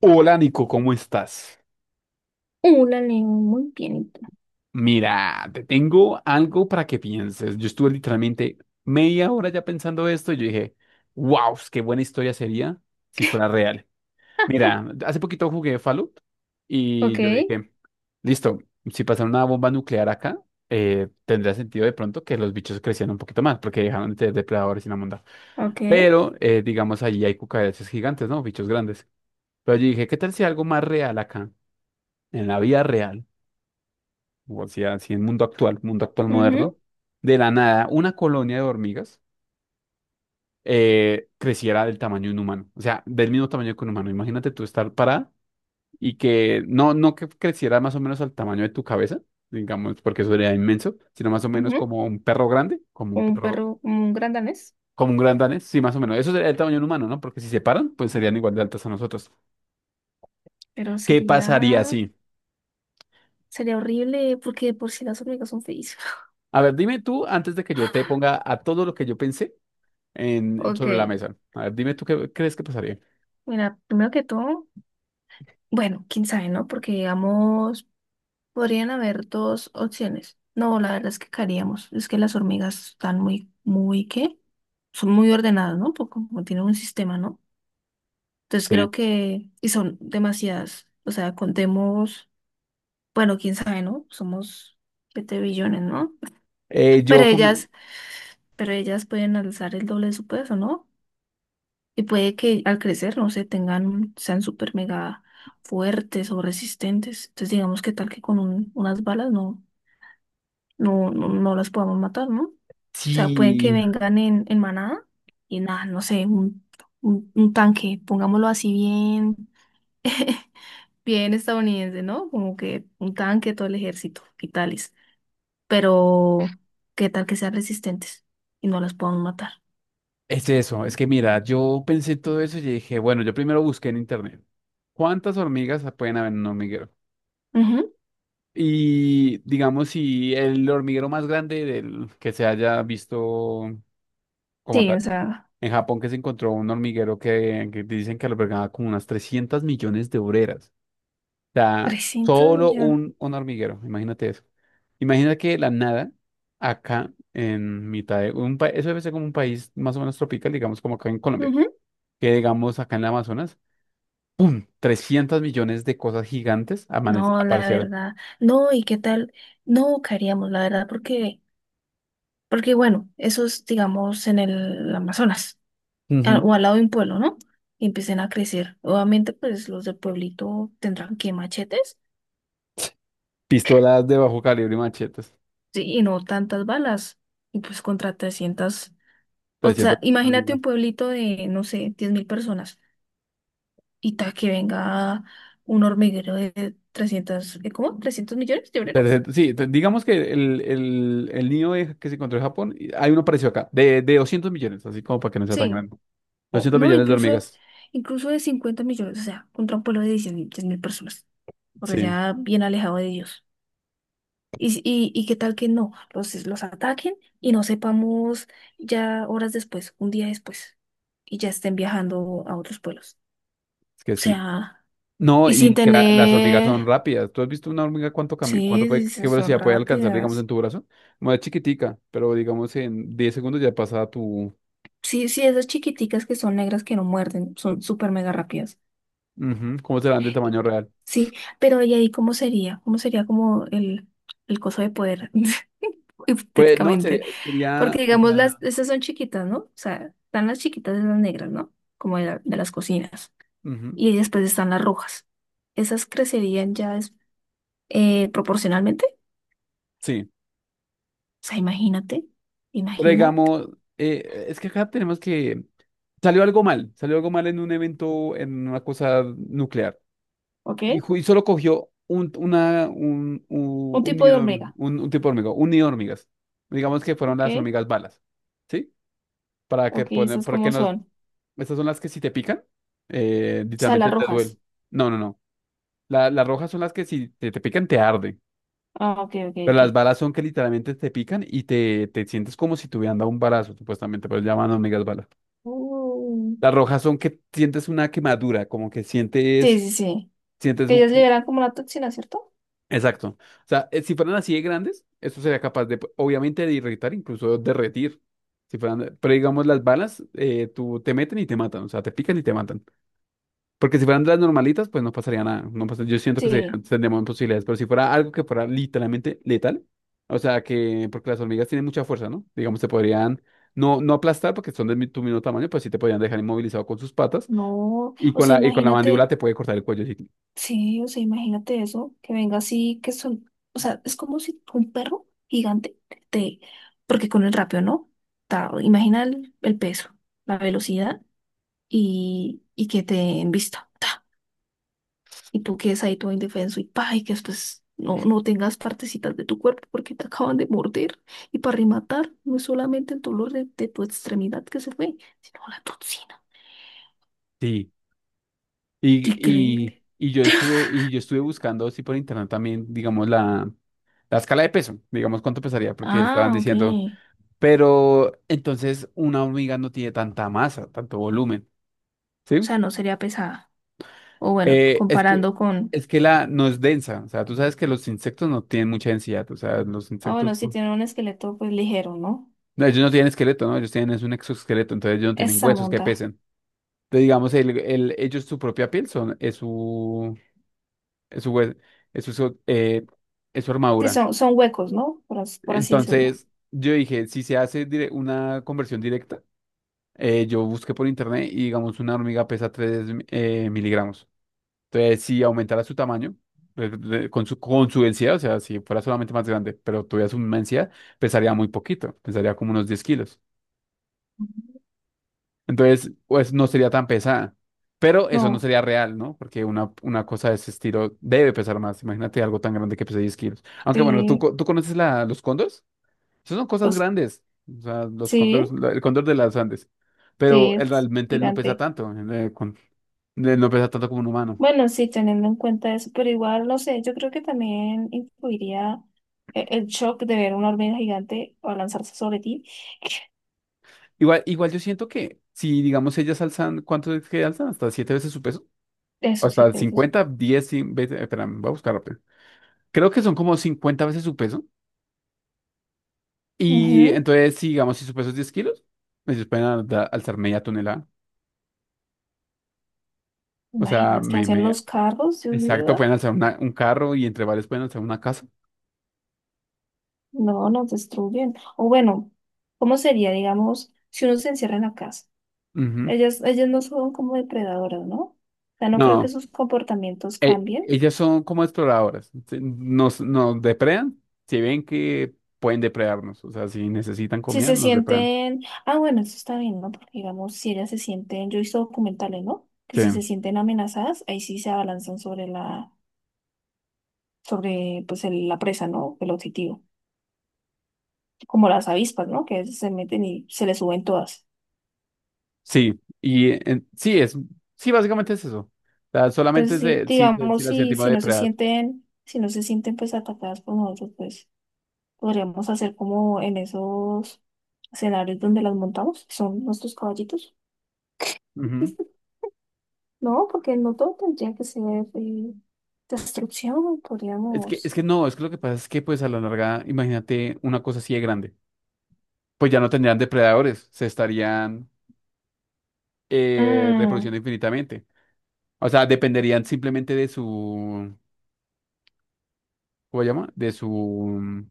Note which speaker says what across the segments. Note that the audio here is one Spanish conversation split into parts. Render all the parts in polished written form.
Speaker 1: Hola Nico, ¿cómo estás?
Speaker 2: La lengua muy pianito.
Speaker 1: Mira, te tengo algo para que pienses. Yo estuve literalmente media hora ya pensando esto y yo dije, wow, qué buena historia sería si fuera real. Mira, hace poquito jugué Fallout y
Speaker 2: Ok,
Speaker 1: yo dije, listo, si pasara una bomba nuclear acá, tendría sentido de pronto que los bichos crecieran un poquito más porque dejaron de ser depredadores y una monda.
Speaker 2: ok.
Speaker 1: Pero, digamos, allí hay cucarachas gigantes, ¿no? Bichos grandes. Pero yo dije, ¿qué tal si algo más real acá, en la vida real? O sea, así en mundo actual
Speaker 2: Ujú,
Speaker 1: moderno, de la nada, una colonia de hormigas creciera del tamaño de un humano, o sea, del mismo tamaño que un humano. Imagínate tú estar parada y que no, no que creciera más o menos al tamaño de tu cabeza, digamos, porque eso sería inmenso, sino más o menos
Speaker 2: ujú.
Speaker 1: como un perro grande, como un
Speaker 2: Como un
Speaker 1: perro,
Speaker 2: perro, como un gran danés.
Speaker 1: como un gran danés, sí, más o menos. Eso sería el tamaño de un humano, ¿no? Porque si se paran, pues serían igual de altas a nosotros.
Speaker 2: Pero
Speaker 1: ¿Qué pasaría
Speaker 2: sería,
Speaker 1: así?
Speaker 2: sería horrible porque de por si las hormigas son feísimas.
Speaker 1: A ver, dime tú, antes de que yo te ponga a todo lo que yo pensé
Speaker 2: Ok,
Speaker 1: sobre la mesa. A ver, dime tú qué crees que pasaría.
Speaker 2: mira, primero que todo, bueno, quién sabe, ¿no? Porque digamos, podrían haber dos opciones. No, la verdad es que caeríamos. Es que las hormigas están muy, muy, ¿qué? Son muy ordenadas, ¿no? Porque como tienen un sistema, ¿no? Entonces
Speaker 1: Sí.
Speaker 2: creo que, y son demasiadas. O sea, contemos. Bueno, quién sabe, ¿no? Somos 7 billones, ¿no? Pero
Speaker 1: Yo como.
Speaker 2: ellas, pero ellas pueden alzar el doble de su peso, ¿no? Y puede que al crecer, no sé, tengan, sean súper mega fuertes o resistentes. Entonces, digamos que tal que con unas balas no, no, no, no las podamos matar, ¿no? O sea, pueden que
Speaker 1: Sí,
Speaker 2: vengan en manada y nada, no sé, un tanque, pongámoslo así bien, bien estadounidense, ¿no? Como que un tanque, todo el ejército y tal. Pero ¿qué tal que sean resistentes y no las podamos matar?
Speaker 1: es eso. Es que mira, yo pensé todo eso y dije, bueno, yo primero busqué en internet. ¿Cuántas hormigas pueden haber en un hormiguero?
Speaker 2: Ujú.
Speaker 1: Y digamos, si el hormiguero más grande del que se haya visto como
Speaker 2: Sí, o
Speaker 1: tal.
Speaker 2: sea,
Speaker 1: En Japón que, se encontró un hormiguero que dicen que albergaba como unas 300 millones de obreras. Sea,
Speaker 2: trescientos
Speaker 1: solo
Speaker 2: millones.
Speaker 1: un hormiguero, imagínate eso. Imagina que de la nada, acá en mitad de un país, eso debe ser como un país más o menos tropical, digamos como acá en Colombia,
Speaker 2: Ujú.
Speaker 1: que digamos acá en el Amazonas, 300 millones de cosas gigantes
Speaker 2: No, la
Speaker 1: aparecieron.
Speaker 2: verdad. No, ¿y qué tal? No caeríamos, la verdad, porque, porque bueno, eso es, digamos, en el Amazonas o
Speaker 1: Ujú.
Speaker 2: al lado de un pueblo, ¿no? Y empiecen a crecer. Obviamente, pues los del pueblito tendrán que machetes,
Speaker 1: Pistolas de bajo calibre y machetes.
Speaker 2: sí, y no tantas balas. Y pues contra 300. O
Speaker 1: trescientos
Speaker 2: sea, imagínate
Speaker 1: millones.
Speaker 2: un pueblito de, no sé, 10.000 personas. Y ta que venga un hormiguero de 300 ¿cómo? 300 millones de obreras.
Speaker 1: 300, sí, digamos que el niño que se encontró en Japón, y hay uno parecido acá, de 200 millones, así como para que no sea tan
Speaker 2: Sí,
Speaker 1: grande.
Speaker 2: o
Speaker 1: doscientos
Speaker 2: no,
Speaker 1: millones de
Speaker 2: incluso,
Speaker 1: hormigas.
Speaker 2: incluso de 50 millones, o sea, contra un pueblo de diez mil personas, o sea,
Speaker 1: Sí,
Speaker 2: ya bien alejado de Dios. Y qué tal que no, los ataquen y no sepamos ya horas después, un día después, y ya estén viajando a otros pueblos.
Speaker 1: es que
Speaker 2: O
Speaker 1: sí.
Speaker 2: sea,
Speaker 1: No,
Speaker 2: y sin
Speaker 1: y que las hormigas
Speaker 2: tener,
Speaker 1: son rápidas. ¿Tú has visto una hormiga cuánto camina, cuánto puede,
Speaker 2: sí, sí,
Speaker 1: qué
Speaker 2: son
Speaker 1: velocidad puede alcanzar, digamos, en
Speaker 2: rápidas.
Speaker 1: tu brazo? Como es chiquitica, pero digamos en 10 segundos ya pasa a tu.
Speaker 2: Sí, sí, esas chiquiticas que son negras que no muerden, son súper mega rápidas.
Speaker 1: Ujú, ¿cómo serán del
Speaker 2: Y-
Speaker 1: tamaño real?
Speaker 2: Sí, pero ¿y ahí cómo sería? ¿Cómo sería como el coso de poder,
Speaker 1: Pues no,
Speaker 2: hipotéticamente?
Speaker 1: sería,
Speaker 2: Porque
Speaker 1: sería, o
Speaker 2: digamos, las,
Speaker 1: sea,
Speaker 2: esas son chiquitas, ¿no? O sea, están las chiquitas de las negras, ¿no? Como de, de las cocinas.
Speaker 1: ujú,
Speaker 2: Y después están las rojas. Esas crecerían ya proporcionalmente.
Speaker 1: sí.
Speaker 2: O sea, imagínate,
Speaker 1: Pero
Speaker 2: imagínate.
Speaker 1: digamos, es que acá tenemos que. Salió algo mal en un evento, en una cosa nuclear.
Speaker 2: ¿Ok?
Speaker 1: Y solo cogió un, una, un, un,
Speaker 2: Un
Speaker 1: un
Speaker 2: tipo de
Speaker 1: nido de horm-
Speaker 2: hormiga.
Speaker 1: un- un tipo de hormiga, un nido de hormigas. Digamos que fueron
Speaker 2: ¿Ok?
Speaker 1: las hormigas balas, ¿sí? Para que
Speaker 2: Ok,
Speaker 1: poner,
Speaker 2: esas
Speaker 1: para
Speaker 2: como
Speaker 1: que no,
Speaker 2: son.
Speaker 1: estas son las que si te pican,
Speaker 2: O sea, las
Speaker 1: literalmente te duele.
Speaker 2: rojas.
Speaker 1: No, no, no. Las rojas son las que si te, te, pican te arde.
Speaker 2: Ah, ok, ok,
Speaker 1: Pero
Speaker 2: ok.
Speaker 1: las balas son que literalmente te pican y te sientes como si te hubieran dado un balazo, supuestamente, pero llaman hormigas balas.
Speaker 2: Mm.
Speaker 1: Las rojas son que sientes una quemadura, como que
Speaker 2: Sí,
Speaker 1: sientes,
Speaker 2: sí, sí.
Speaker 1: sientes
Speaker 2: Que ellas liberan como la toxina, ¿cierto?
Speaker 1: Exacto. O sea, si fueran así de grandes, esto sería capaz de, pues, obviamente, de irritar, incluso derretir. Si fueran, pero digamos, las balas, tú te meten y te matan, o sea, te pican y te matan. Porque si fueran de las normalitas, pues no pasaría nada. No pasa- yo siento
Speaker 2: Sí.
Speaker 1: tendríamos posibilidades, pero si fuera algo que fuera literalmente letal, o sea, porque las hormigas tienen mucha fuerza, ¿no? Digamos, te podrían, no, no aplastar porque son de tu mismo tamaño, pues sí te podrían dejar inmovilizado con sus patas
Speaker 2: No, o sea,
Speaker 1: y con la mandíbula
Speaker 2: imagínate,
Speaker 1: te puede cortar el cuello. Sí,
Speaker 2: sí, o sea, imagínate eso, que venga así, que son, o sea, es como si un perro gigante te, porque con el rapio, ¿no? Ta, imagina el peso, la velocidad y que te en vista. Y tú quedes ahí todo indefenso y pa, y que después no, no tengas partecitas de tu cuerpo porque te acaban de morder. Y para rematar, no es solamente el dolor de tu extremidad que se fue, sino la toxina.
Speaker 1: sí. Y, y,
Speaker 2: Increíble.
Speaker 1: y yo estuve, y yo estuve buscando así por internet también, digamos, la escala de peso, digamos cuánto pesaría, porque estaban
Speaker 2: Ah, ok.
Speaker 1: diciendo,
Speaker 2: O
Speaker 1: pero entonces una hormiga no tiene tanta masa, tanto volumen, ¿sí?
Speaker 2: sea, no sería pesada. O bueno,
Speaker 1: Eh, es que,
Speaker 2: comparando con...
Speaker 1: es que la no es densa, o sea, tú sabes que los insectos no tienen mucha densidad, o sea, los
Speaker 2: Ah,
Speaker 1: insectos,
Speaker 2: bueno, si
Speaker 1: pues,
Speaker 2: tiene un esqueleto, pues ligero, ¿no?
Speaker 1: no, ellos no tienen esqueleto, ¿no? Ellos tienen es un exoesqueleto, entonces ellos no tienen
Speaker 2: Esa
Speaker 1: huesos que
Speaker 2: monda.
Speaker 1: pesen. Entonces, digamos, ellos su propia piel son, es su, hue- es su, so- eh, es su
Speaker 2: Sí,
Speaker 1: armadura.
Speaker 2: son huecos, ¿no? Por, por así decirlo.
Speaker 1: Entonces, yo dije, si se hace una conversión directa, yo busqué por internet y digamos una hormiga pesa 3 miligramos. Entonces, si aumentara su tamaño, con su densidad, o sea, si fuera solamente más grande, pero tuviera su misma densidad, pesaría muy poquito, pesaría como unos 10 kilos. Entonces, pues no sería tan pesada. Pero eso no
Speaker 2: No,
Speaker 1: sería real, ¿no? Porque una cosa de ese estilo debe pesar más. Imagínate algo tan grande que pesa 10 kilos. Aunque bueno, ¿tú,
Speaker 2: sí.
Speaker 1: tú conoces los cóndores? Esas son cosas
Speaker 2: Pues,
Speaker 1: grandes. O sea, los cóndores,
Speaker 2: sí,
Speaker 1: el cóndor de las Andes.
Speaker 2: sí,
Speaker 1: Pero él,
Speaker 2: es
Speaker 1: realmente él no pesa
Speaker 2: gigante.
Speaker 1: tanto. Él no pesa tanto como un humano.
Speaker 2: Bueno, sí, teniendo en cuenta eso, pero igual, no sé, yo creo que también influiría el shock de ver una hormiga gigante o lanzarse sobre ti.
Speaker 1: Igual, igual yo siento que si, digamos, ellas alzan, ¿cuánto es que alzan? Hasta siete veces su peso. O
Speaker 2: Eso sí,
Speaker 1: hasta
Speaker 2: que eso sí.
Speaker 1: 50 10 100 veces. Espera, voy a buscar rápido. Creo que son como 50 veces su peso. Y
Speaker 2: Ujú.
Speaker 1: entonces, si, digamos, si su peso es 10 kilos, ellos pueden alzar media tonelada. O sea,
Speaker 2: Imaginas que hacen los carros, Dios mío.
Speaker 1: exacto,
Speaker 2: Ah.
Speaker 1: pueden alzar un carro y entre varios pueden alzar una casa.
Speaker 2: No, nos destruyen. O bueno, ¿cómo sería, digamos, si uno se encierra en la casa?
Speaker 1: Ujú.
Speaker 2: Ellas no son como depredadoras, ¿no? O sea, no creo que
Speaker 1: No.
Speaker 2: sus comportamientos
Speaker 1: e-
Speaker 2: cambien.
Speaker 1: ellas son como exploradoras. Nos depredan, si ven que pueden depredarnos. O sea, si necesitan
Speaker 2: Si
Speaker 1: comida,
Speaker 2: se
Speaker 1: nos depredan.
Speaker 2: sienten, ah, bueno, eso está bien, ¿no? Porque digamos, si ellas se sienten, yo he visto documentales, ¿no? Que
Speaker 1: Sí,
Speaker 2: si se sienten amenazadas, ahí sí se abalanzan sobre la, sobre, pues, la presa, ¿no? El objetivo. Como las avispas, ¿no? Que se meten y se les suben todas.
Speaker 1: sí. Y sí, básicamente es eso. O sea, solamente
Speaker 2: Entonces,
Speaker 1: es
Speaker 2: sí,
Speaker 1: de, si
Speaker 2: digamos,
Speaker 1: la
Speaker 2: si,
Speaker 1: sentimos
Speaker 2: si no se
Speaker 1: depredada.
Speaker 2: sienten, si no se sienten, pues, atacadas por nosotros, pues, podríamos hacer como en esos escenarios donde las montamos, que son nuestros caballitos.
Speaker 1: Ujú.
Speaker 2: No, porque no todo tendría que ser eh, destrucción,
Speaker 1: Es
Speaker 2: podríamos,
Speaker 1: que no, es que lo que pasa es que pues a la larga, imagínate una cosa así de grande. Pues ya no tendrían depredadores, se estarían
Speaker 2: mm,
Speaker 1: reproduciendo infinitamente. O sea, dependerían simplemente de su, ¿cómo se llama?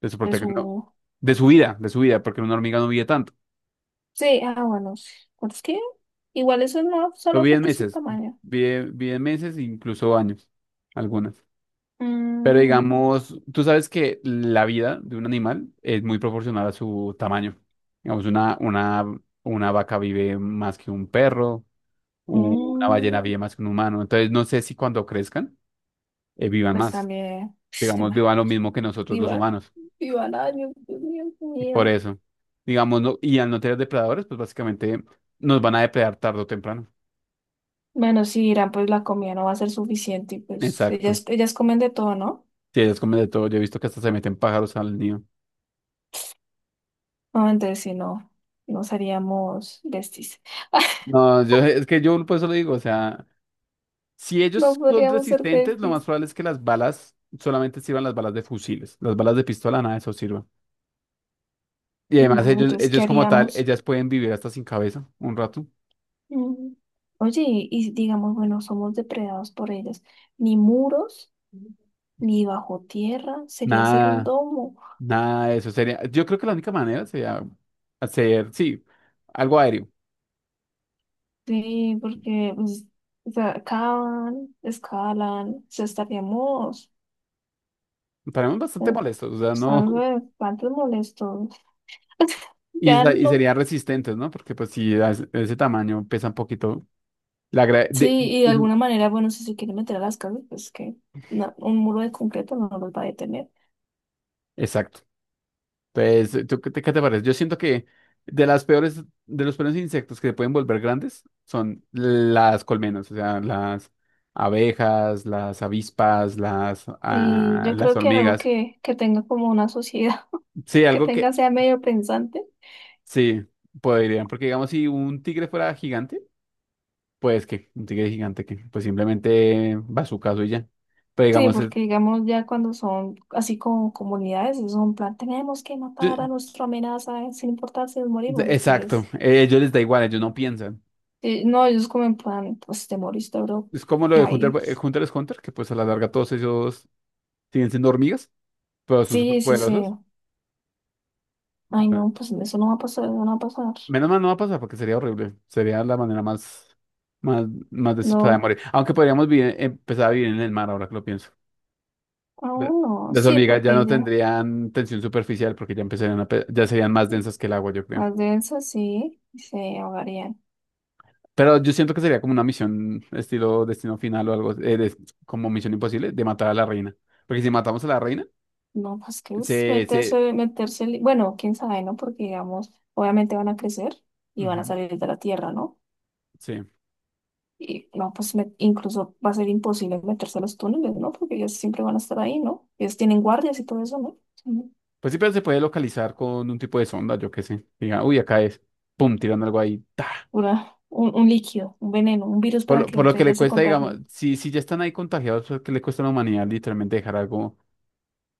Speaker 1: De su prote- no,
Speaker 2: eso,
Speaker 1: De su vida, porque una hormiga no vive tanto.
Speaker 2: sí, ah, bueno, sí. Bueno, es que igual eso no
Speaker 1: Lo
Speaker 2: solo
Speaker 1: vive en
Speaker 2: afecta su
Speaker 1: meses,
Speaker 2: tamaño,
Speaker 1: vive en meses, incluso años, algunas. Pero
Speaker 2: mm,
Speaker 1: digamos, tú sabes que la vida de un animal es muy proporcional a su tamaño. Digamos, una vaca vive más que un perro, una ballena
Speaker 2: mm.
Speaker 1: vive más que un humano. Entonces, no sé si cuando crezcan, vivan
Speaker 2: Pues
Speaker 1: más.
Speaker 2: también, este
Speaker 1: Digamos,
Speaker 2: man,
Speaker 1: vivan lo mismo que nosotros los
Speaker 2: igual,
Speaker 1: humanos.
Speaker 2: igual, ay, Dios mío, qué
Speaker 1: Por
Speaker 2: miedo.
Speaker 1: eso, digamos, no, y al no tener depredadores, pues básicamente nos van a depredar tarde o temprano.
Speaker 2: Bueno, sí, Irán, pues la comida no va a ser suficiente, y pues
Speaker 1: Exacto.
Speaker 2: ellas comen de todo, ¿no?
Speaker 1: Sí, ellos comen de todo. Yo he visto que hasta se meten pájaros al nido.
Speaker 2: No, entonces si no, nos haríamos besties.
Speaker 1: No, yo es que yo por eso lo digo, o sea, si
Speaker 2: No
Speaker 1: ellos son
Speaker 2: podríamos ser
Speaker 1: resistentes, lo más
Speaker 2: besties.
Speaker 1: probable es que las balas solamente sirvan las balas de fusiles, las balas de pistola nada de eso sirvan. Y además
Speaker 2: No, entonces, ¿qué haríamos?
Speaker 1: ellas pueden vivir hasta sin cabeza un rato.
Speaker 2: Mm. Oye, y digamos, bueno, somos depredados por ellas. Ni muros, ni bajo tierra, sería hacer un
Speaker 1: Nada,
Speaker 2: domo.
Speaker 1: nada de eso sería. Yo creo que la única manera sería hacer, sí, algo aéreo.
Speaker 2: Sí, porque pues, o sea, cavan, escalan, o sea, estaríamos
Speaker 1: Estaremos
Speaker 2: eh,
Speaker 1: bastante molestos, o sea,
Speaker 2: pues,
Speaker 1: no.
Speaker 2: algo de espantos molestos.
Speaker 1: Y,
Speaker 2: Ya
Speaker 1: sa- y
Speaker 2: no.
Speaker 1: serían resistentes, ¿no? Porque pues si a ese tamaño pesa un poquito. La gra-
Speaker 2: Sí, y de
Speaker 1: de-
Speaker 2: alguna manera, bueno, si se quieren meter a las casas, pues que no, un muro de concreto no los va a detener.
Speaker 1: Exacto. Entonces, ¿tú qué te, parece? Yo siento que de los peores insectos que se pueden volver grandes son las colmenas, o sea, las abejas, las avispas,
Speaker 2: Y yo
Speaker 1: las
Speaker 2: creo que algo
Speaker 1: hormigas.
Speaker 2: que tenga como una sociedad.
Speaker 1: Sí,
Speaker 2: Que
Speaker 1: algo que
Speaker 2: tenga sea medio pensante.
Speaker 1: sí podrían, porque digamos, si un tigre fuera gigante, pues que un tigre gigante que pues simplemente va a su caso y ya. Pero
Speaker 2: Sí,
Speaker 1: digamos,
Speaker 2: porque digamos ya cuando son así como comunidades, es un plan, tenemos que
Speaker 1: yo-
Speaker 2: matar a nuestra amenaza, sin importar si nos morimos los
Speaker 1: exacto,
Speaker 2: tigres.
Speaker 1: ellos les da igual, ellos no piensan.
Speaker 2: Sí, no, ellos como en plan, pues te moriste, bro.
Speaker 1: Es como lo de Hunter,
Speaker 2: Ahí.
Speaker 1: Hunter x Hunter, que pues a la larga todos ellos siguen siendo hormigas, pero son
Speaker 2: Sí,
Speaker 1: súper
Speaker 2: sí, sí.
Speaker 1: poderosos.
Speaker 2: Ay, no, pues eso no va a pasar, eso no va a pasar.
Speaker 1: Menos mal no va a pasar porque sería horrible. Sería la manera más, más, más desesperada de
Speaker 2: No,
Speaker 1: morir. Aunque podríamos empezar a vivir en el mar ahora que lo pienso. Pero
Speaker 2: aún no.
Speaker 1: las
Speaker 2: Sí,
Speaker 1: hormigas ya
Speaker 2: porque
Speaker 1: no
Speaker 2: ya
Speaker 1: tendrían tensión superficial porque ya empezarían ya serían más densas que el agua, yo creo.
Speaker 2: más de eso sí se ahogarían.
Speaker 1: Pero yo siento que sería como una misión estilo Destino Final o algo, como Misión Imposible, de matar a la reina. Porque si matamos a la reina,
Speaker 2: No, pues que es
Speaker 1: se, se,
Speaker 2: meterse, meterse, bueno, quién sabe, ¿no? Porque digamos, obviamente van a crecer y van a
Speaker 1: ujú,
Speaker 2: salir de la tierra, ¿no?
Speaker 1: sí.
Speaker 2: Y no, pues incluso va a ser imposible meterse a los túneles, ¿no? Porque ellos siempre van a estar ahí, ¿no? Ellos tienen guardias y todo eso, ¿no? Son
Speaker 1: Pues sí, pero se puede localizar con un tipo de sonda, yo qué sé. Diga, uy, acá es. Pum, tiran algo ahí. Ta.
Speaker 2: pura, un líquido, un veneno, un virus
Speaker 1: Por
Speaker 2: para
Speaker 1: lo,
Speaker 2: que
Speaker 1: por lo
Speaker 2: entre
Speaker 1: que le
Speaker 2: ellas se
Speaker 1: cuesta, digamos,
Speaker 2: contagien.
Speaker 1: si ya están ahí contagiados, pues, ¿qué le cuesta a la humanidad literalmente dejar algo?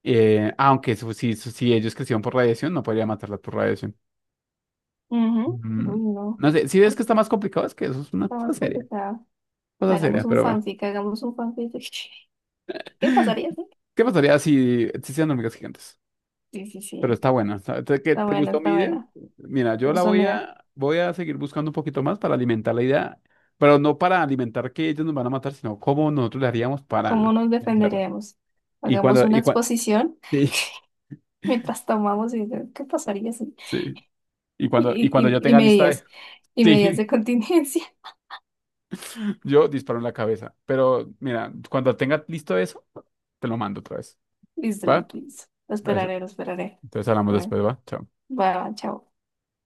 Speaker 1: Aunque si ellos crecieron por radiación, no podría matarlas por radiación.
Speaker 2: Ujú.
Speaker 1: Mm,
Speaker 2: Uy, no.
Speaker 1: no sé, si ves que está más complicado, es que eso es una
Speaker 2: Está
Speaker 1: cosa
Speaker 2: más
Speaker 1: seria.
Speaker 2: complicada.
Speaker 1: Cosa
Speaker 2: Hagamos
Speaker 1: seria,
Speaker 2: un
Speaker 1: pero bueno.
Speaker 2: fanfic, hagamos un fanfic. ¿Qué pasaría? ¿Sí?
Speaker 1: ¿Qué pasaría si existieran hormigas gigantes?
Speaker 2: Sí, sí,
Speaker 1: Pero
Speaker 2: sí.
Speaker 1: está buena. ¿Te, que-
Speaker 2: Está
Speaker 1: te
Speaker 2: buena,
Speaker 1: gustó mi
Speaker 2: está
Speaker 1: idea?
Speaker 2: buena.
Speaker 1: Mira, yo la
Speaker 2: Entonces, mira,
Speaker 1: voy a seguir buscando un poquito más para alimentar la idea, pero no para alimentar que ellos nos van a matar, sino cómo nosotros le haríamos
Speaker 2: ¿cómo
Speaker 1: para
Speaker 2: nos
Speaker 1: vencerla.
Speaker 2: defenderemos?
Speaker 1: Y
Speaker 2: Hagamos
Speaker 1: cuando,
Speaker 2: una
Speaker 1: y cuando,
Speaker 2: exposición
Speaker 1: sí,
Speaker 2: mientras tomamos y ¿qué pasaría? ¿Si?
Speaker 1: sí. Y cuando, y
Speaker 2: Y,
Speaker 1: cuando
Speaker 2: y,
Speaker 1: yo
Speaker 2: y
Speaker 1: tenga lista de,
Speaker 2: medidas, y medidas de
Speaker 1: sí,
Speaker 2: contingencia.
Speaker 1: yo disparo en la cabeza. Pero mira, cuando tenga listo eso, te lo mando otra vez.
Speaker 2: Listo,
Speaker 1: ¿Va?
Speaker 2: listo, listo. Lo
Speaker 1: Eso.
Speaker 2: esperaré, lo esperaré.
Speaker 1: Entonces hablamos después,
Speaker 2: Bueno,
Speaker 1: ¿va? Chao.
Speaker 2: va, chao.